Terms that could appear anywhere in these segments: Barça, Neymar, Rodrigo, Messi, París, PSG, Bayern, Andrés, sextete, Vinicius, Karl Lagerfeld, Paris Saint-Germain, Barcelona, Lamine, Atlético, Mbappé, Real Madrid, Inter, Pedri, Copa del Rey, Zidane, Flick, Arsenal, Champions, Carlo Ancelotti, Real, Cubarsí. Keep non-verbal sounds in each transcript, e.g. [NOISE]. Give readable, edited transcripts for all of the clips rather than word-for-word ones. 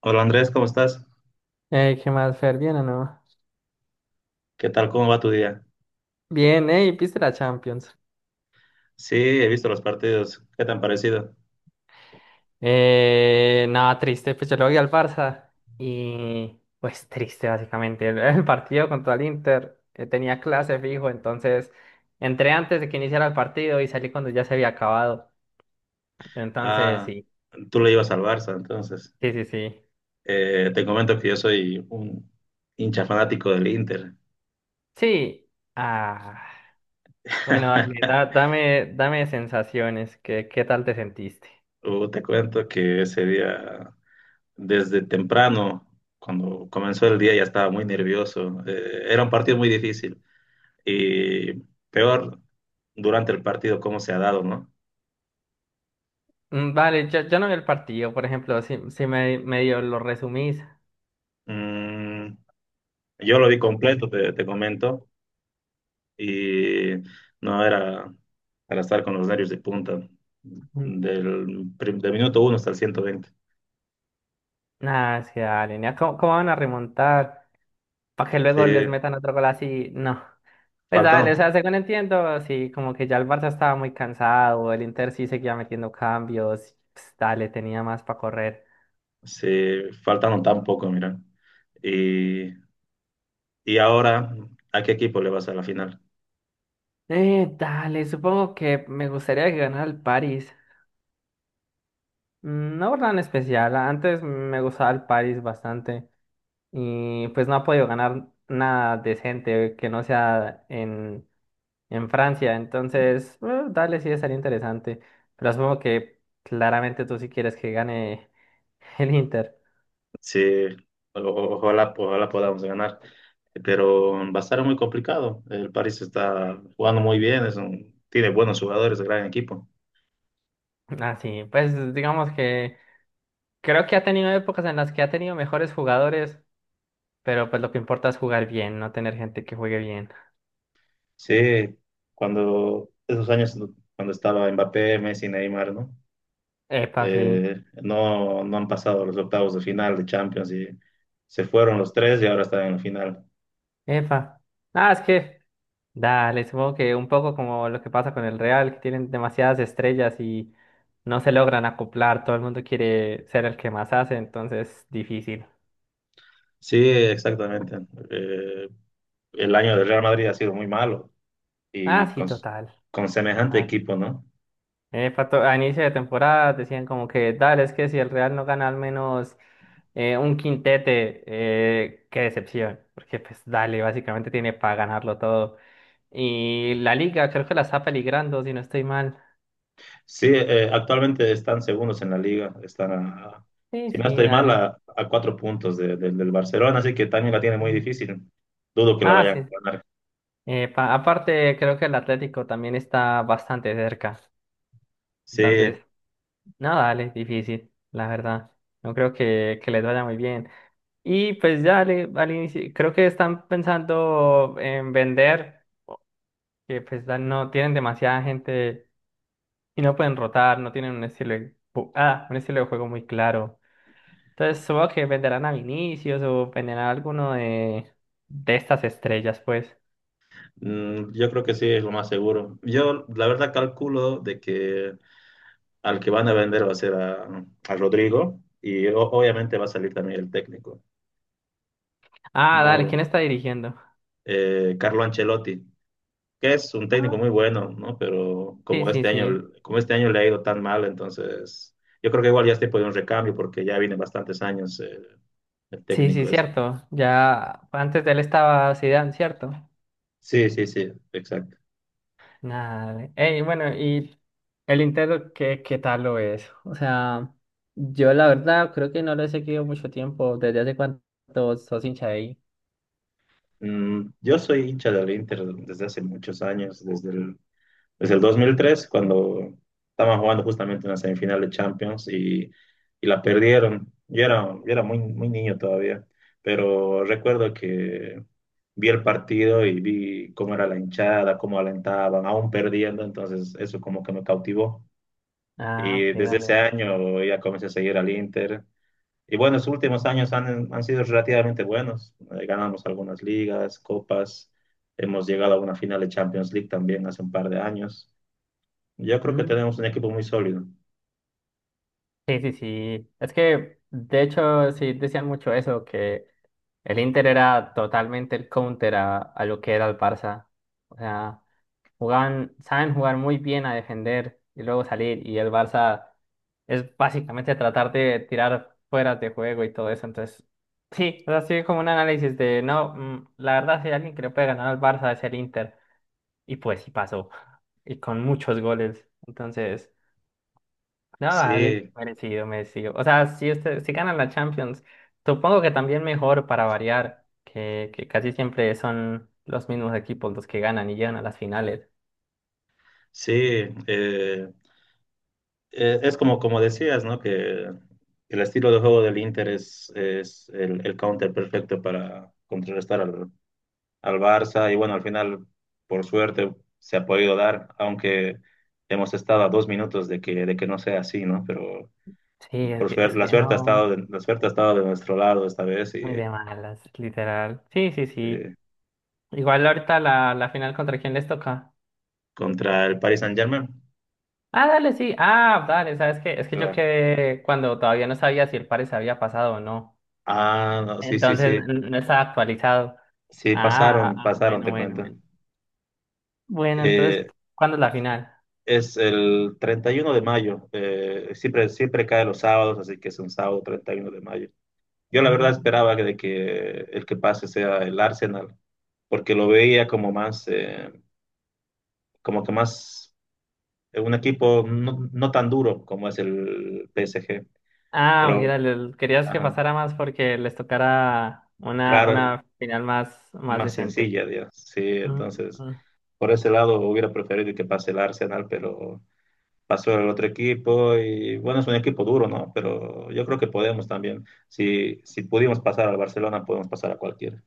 Hola Andrés, ¿cómo estás? Ey, ¿qué más, Fer? ¿Bien o no? ¿Qué tal? ¿Cómo va tu día? Bien, ey, ¿viste la Champions? Sí, he visto los partidos. ¿Qué tan parecido? Nada, triste, pues yo le voy al Barça y pues triste básicamente. El partido contra el Inter tenía clase fijo, entonces entré antes de que iniciara el partido y salí cuando ya se había acabado. Entonces, Ah, sí, tú le ibas al Barça, entonces. sí, sí, sí. Te comento que yo soy un hincha fanático del Inter. Sí, ah, bueno, dale, [LAUGHS] dame, dame sensaciones, ¿ qué tal te sentiste? Te cuento que ese día, desde temprano, cuando comenzó el día, ya estaba muy nervioso. Era un partido muy difícil. Y peor, durante el partido, cómo se ha dado, ¿no? Mm, vale, yo no vi el partido, por ejemplo, si me, medio lo resumís. Mm, yo lo vi completo, te comento. Y no era para estar con los nervios de punta, del minuto uno hasta el 120. Ah, sí, dale, nea, ¿cómo, cómo van a remontar? Para que Sí, luego les metan otro gol así. No. Pues faltaron, dale, o sea, según entiendo, sí, como que ya el Barça estaba muy cansado, el Inter sí seguía metiendo cambios, pues, dale, tenía más para correr. se faltaron tan poco, mira. Y, y ahora, ¿a qué equipo le vas a la final? Dale, supongo que me gustaría que ganara el París. Mm, no por nada en especial, antes me gustaba el París bastante y pues no ha podido ganar nada decente que no sea en Francia. Entonces, dale, sí, estaría interesante. Pero supongo que claramente tú sí quieres que gane [LAUGHS] el Inter. Sí, ojalá, ojalá podamos ganar, pero va a estar muy complicado. El París está jugando muy bien, tiene buenos jugadores, gran equipo. Ah, sí, pues digamos que creo que ha tenido épocas en las que ha tenido mejores jugadores, pero pues lo que importa es jugar bien, no tener gente que juegue bien. Sí, cuando esos años, cuando estaba Mbappé, Messi, Neymar, ¿no? Epa, sí. No no han pasado los octavos de final de Champions y se fueron los tres y ahora están en la final. Epa. Ah, es que, dale, supongo que un poco como lo que pasa con el Real, que tienen demasiadas estrellas y no se logran acoplar, todo el mundo quiere ser el que más hace, entonces difícil. Sí, exactamente. Eh, el año del Real Madrid ha sido muy malo Ah, y sí, con, total. con semejante Ah, equipo, ¿no? A inicio de temporada decían como que, dale, es que si el Real no gana al menos un quintete, qué decepción, porque pues dale, básicamente tiene para ganarlo todo. Y la liga creo que la está peligrando, si no estoy mal. Sí, actualmente están segundos en la liga, están a, Sí, si no sí, estoy mal, dale. A 4 puntos del Barcelona, así que también la tiene muy difícil. Dudo que la Ah, vayan a sí. ganar. Pa- aparte, creo que el Atlético también está bastante cerca. Sí, Entonces, no, dale, difícil, la verdad. No creo que les vaya muy bien. Y pues ya al inicio, creo que están pensando en vender, que pues ya no tienen demasiada gente y no pueden rotar, no tienen un estilo de, un estilo de juego muy claro. Entonces supongo que venderán a Vinicius o venderán a alguno de estas estrellas, pues. mm, yo creo que sí, es lo más seguro. Yo, la verdad, calculo de que al que van a vender va a ser a Rodrigo y obviamente va a salir también el técnico, Ah, no dale, ¿quién lo- está dirigiendo? Carlo Ancelotti, que es un técnico muy bueno, ¿no? Pero Sí, sí, sí. Como este año le ha ido tan mal, entonces yo creo que igual ya es tiempo de un recambio porque ya viene bastantes años el Sí, sí, técnico. Es... cierto. Ya antes de él estaba Zidane, ¿cierto? Sí, exacto. Nada. Ey, bueno, ¿y el Inter qué, qué tal lo es? O sea, yo la verdad creo que no lo he seguido mucho tiempo. ¿Desde hace cuánto sos hincha de ahí? Mm, yo soy hincha del Inter desde hace muchos años, Desde el 2003, cuando estaban jugando justamente una semifinal de Champions, y la perdieron. Yo era muy, muy niño todavía, pero recuerdo que vi el partido y vi cómo era la hinchada, cómo alentaban, aún perdiendo, entonces eso como que me cautivó. Ah, Y ok, desde dale. ese año ya comencé a seguir al Inter. Y bueno, los últimos años han sido relativamente buenos. Ganamos algunas ligas, copas, hemos llegado a una final de Champions League también hace un par de años. Yo creo que Mm, tenemos un equipo muy sólido. sí, sí, sí. Es que, de hecho, sí decían mucho eso, que el Inter era totalmente el counter a lo que era el Barça. O sea, jugaban, saben jugar muy bien a defender y luego salir. Y el Barça es básicamente tratar de tirar fuera de juego y todo eso. Entonces, sí, o sea, sí, como un análisis de no, mm, la verdad, si hay alguien que le puede ganar al Barça es el Inter. Y pues sí pasó. [LAUGHS] Y con muchos goles. Entonces, no, dale, Sí, merecido, merecido. O sea, si, usted, si ganan la Champions, supongo que también mejor para variar, que casi siempre son los mismos equipos los que ganan y llegan a las finales. sí. eh, es como, como decías, ¿no? Que el estilo de juego del Inter es el counter perfecto para contrarrestar al, al Barça. Y bueno, al final, por suerte, se ha podido dar, aunque hemos estado a 2 minutos de que no sea así, ¿no? Pero Sí, por suerte, es que no, la suerte ha estado de nuestro lado esta vez muy y de malas, literal. Sí, sí, sí. eh, Igual ahorita la, la final contra quién les toca. contra el Paris Saint-Germain. Ah, dale, sí. Ah, dale, ¿sabes qué? Es que yo Claro. quedé cuando todavía no sabía si el pare se había pasado o no. Ah, no, sí, sí, Entonces sí. No estaba actualizado. Sí, Ah, pasaron, ah, pasaron, bueno, te bueno, cuento. bueno. Bueno, entonces, Eh, ¿cuándo es la final? es el 31 de mayo, siempre, siempre cae los sábados, así que es un sábado 31 de mayo. Yo la verdad Mm. esperaba que, de que el que pase sea el Arsenal, porque lo veía como más, como que más, un equipo no, no tan duro como es el PSG, Ah, pero mira, querías que ajá, pasara más porque les tocara claro, una final más, más más decente. sencilla, digamos. Sí, Mm. entonces, por ese lado hubiera preferido que pase el Arsenal, pero... pasó el otro equipo y bueno, es un equipo duro, ¿no? Pero yo creo que podemos también. Si, si pudimos pasar al Barcelona, podemos pasar a cualquiera.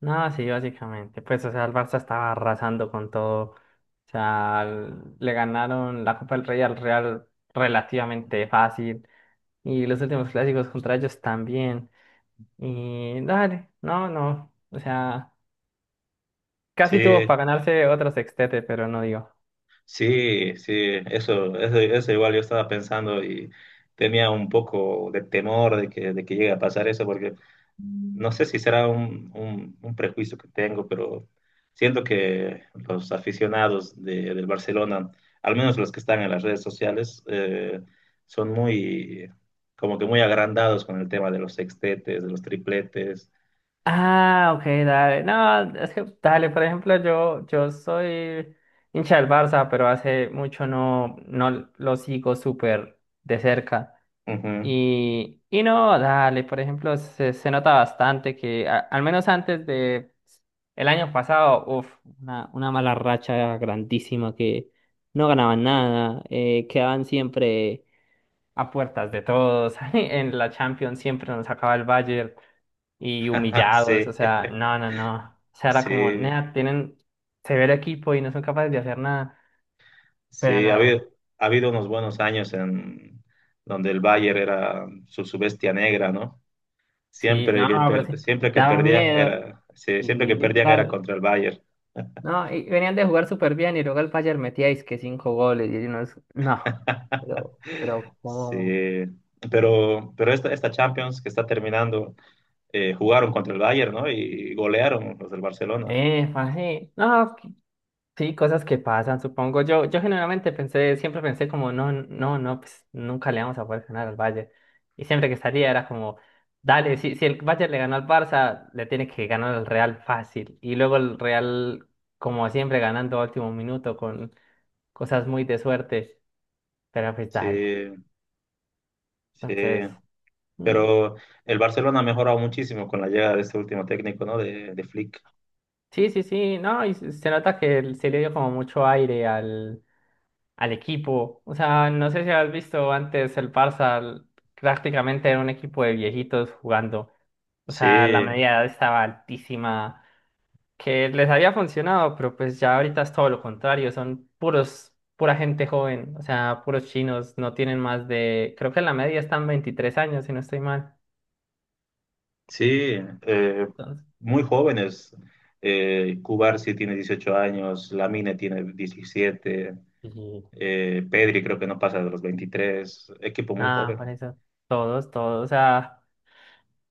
No, sí, básicamente. Pues, o sea, el Barça estaba arrasando con todo. O sea, le ganaron la Copa del Rey al Real relativamente fácil. Y los últimos clásicos contra ellos también. Y dale, no, no. O sea, casi tuvo Sí, para ganarse otro sextete, pero no dio. sí, eso igual yo estaba pensando y tenía un poco de temor de que llegue a pasar eso, porque no sé si será un prejuicio que tengo, pero siento que los aficionados del Barcelona, al menos los que están en las redes sociales, son muy, como que muy agrandados con el tema de los sextetes, de los tripletes. Ah, ok, dale. No, es que, dale, por ejemplo, yo soy hincha del Barça, pero hace mucho no, no lo sigo súper de cerca. Ujú. Y no, dale, por ejemplo, se nota bastante que al menos antes de el año pasado, uf, una mala racha grandísima que no ganaban nada, quedaban siempre a puertas de todos, [LAUGHS] en la Champions siempre nos sacaba el Bayern y [LAUGHS] humillados, o Sí, sea, no, no, no, o sea, era como, sí, nea, tienen severo equipo y no son capaces de hacer nada, pero sí. Nada, Ha habido unos buenos años en donde el Bayern era su, su bestia negra, ¿no? sí, no, pero sí, Siempre que daba perdían miedo. era, sí, siempre Y que perdían era literal, contra el Bayern. no, y venían de jugar súper bien y luego el Bayern metía que cinco goles y uno es... No, [LAUGHS] pero Sí, ¿cómo? pero esta, esta Champions que está terminando, jugaron contra el Bayern, ¿no? Y golearon los del Barcelona. Parce, no, sí, cosas que pasan, supongo. Yo generalmente pensé, siempre pensé como, no, no, no, pues nunca le vamos a poder ganar al Bayern. Y siempre que salía era como, dale, si, si el Bayern le ganó al Barça, le tiene que ganar al Real fácil. Y luego el Real, como siempre, ganando a último minuto con cosas muy de suerte, pero pues Sí, dale. sí. Entonces... mm, Pero el Barcelona ha mejorado muchísimo con la llegada de este último técnico, ¿no? De Flick. sí, sí, sí, no, y se nota que se le dio como mucho aire al, al equipo. O sea, no sé si has visto antes el Barça, prácticamente era un equipo de viejitos jugando. O sea, la Sí, media edad estaba altísima, que les había funcionado, pero pues ya ahorita es todo lo contrario, son puros, pura gente joven, o sea, puros chinos, no tienen más de, creo que la media están 23 años, si no estoy mal. sí. Entonces, muy jóvenes. Cubarsí tiene 18 años, Lamine tiene 17, y Pedri creo que no pasa de los 23. Equipo muy nada, por joven. eso, todos, todos, o sea.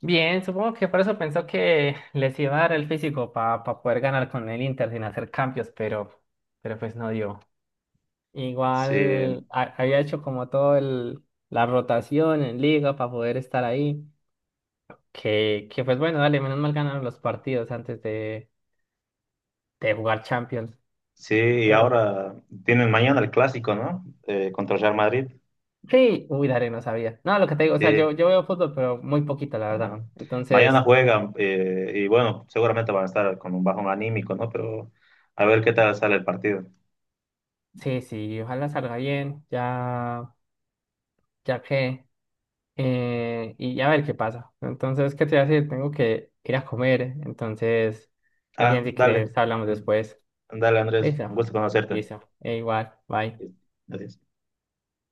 Bien, supongo que por eso pensó que les iba a dar el físico para poder ganar con el Inter sin hacer cambios, pero pues no dio. Sí. Igual había hecho como todo el, la rotación en liga para poder estar ahí, que pues bueno, dale, menos mal ganaron los partidos antes de jugar Champions. Sí, y Pero ahora tienen mañana el clásico, ¿no? Contra el Real Madrid. sí, uy, dale, no sabía. No, lo que te digo, o sea, Sí, yo veo fútbol, pero muy poquito, la verdad. ajá. Mañana Entonces, juegan y bueno, seguramente van a estar con un bajón anímico, ¿no? Pero a ver qué tal sale el partido. sí, sí, ojalá salga bien, ya, ya que... y a ver qué pasa. Entonces, ¿qué te voy a decir? Tengo que ir a comer. Entonces, más Ah, bien si quieres, dale, hablamos mm, después. dale Andrés, Listo, un gusto conocerte. listo. E igual, bye. Adiós.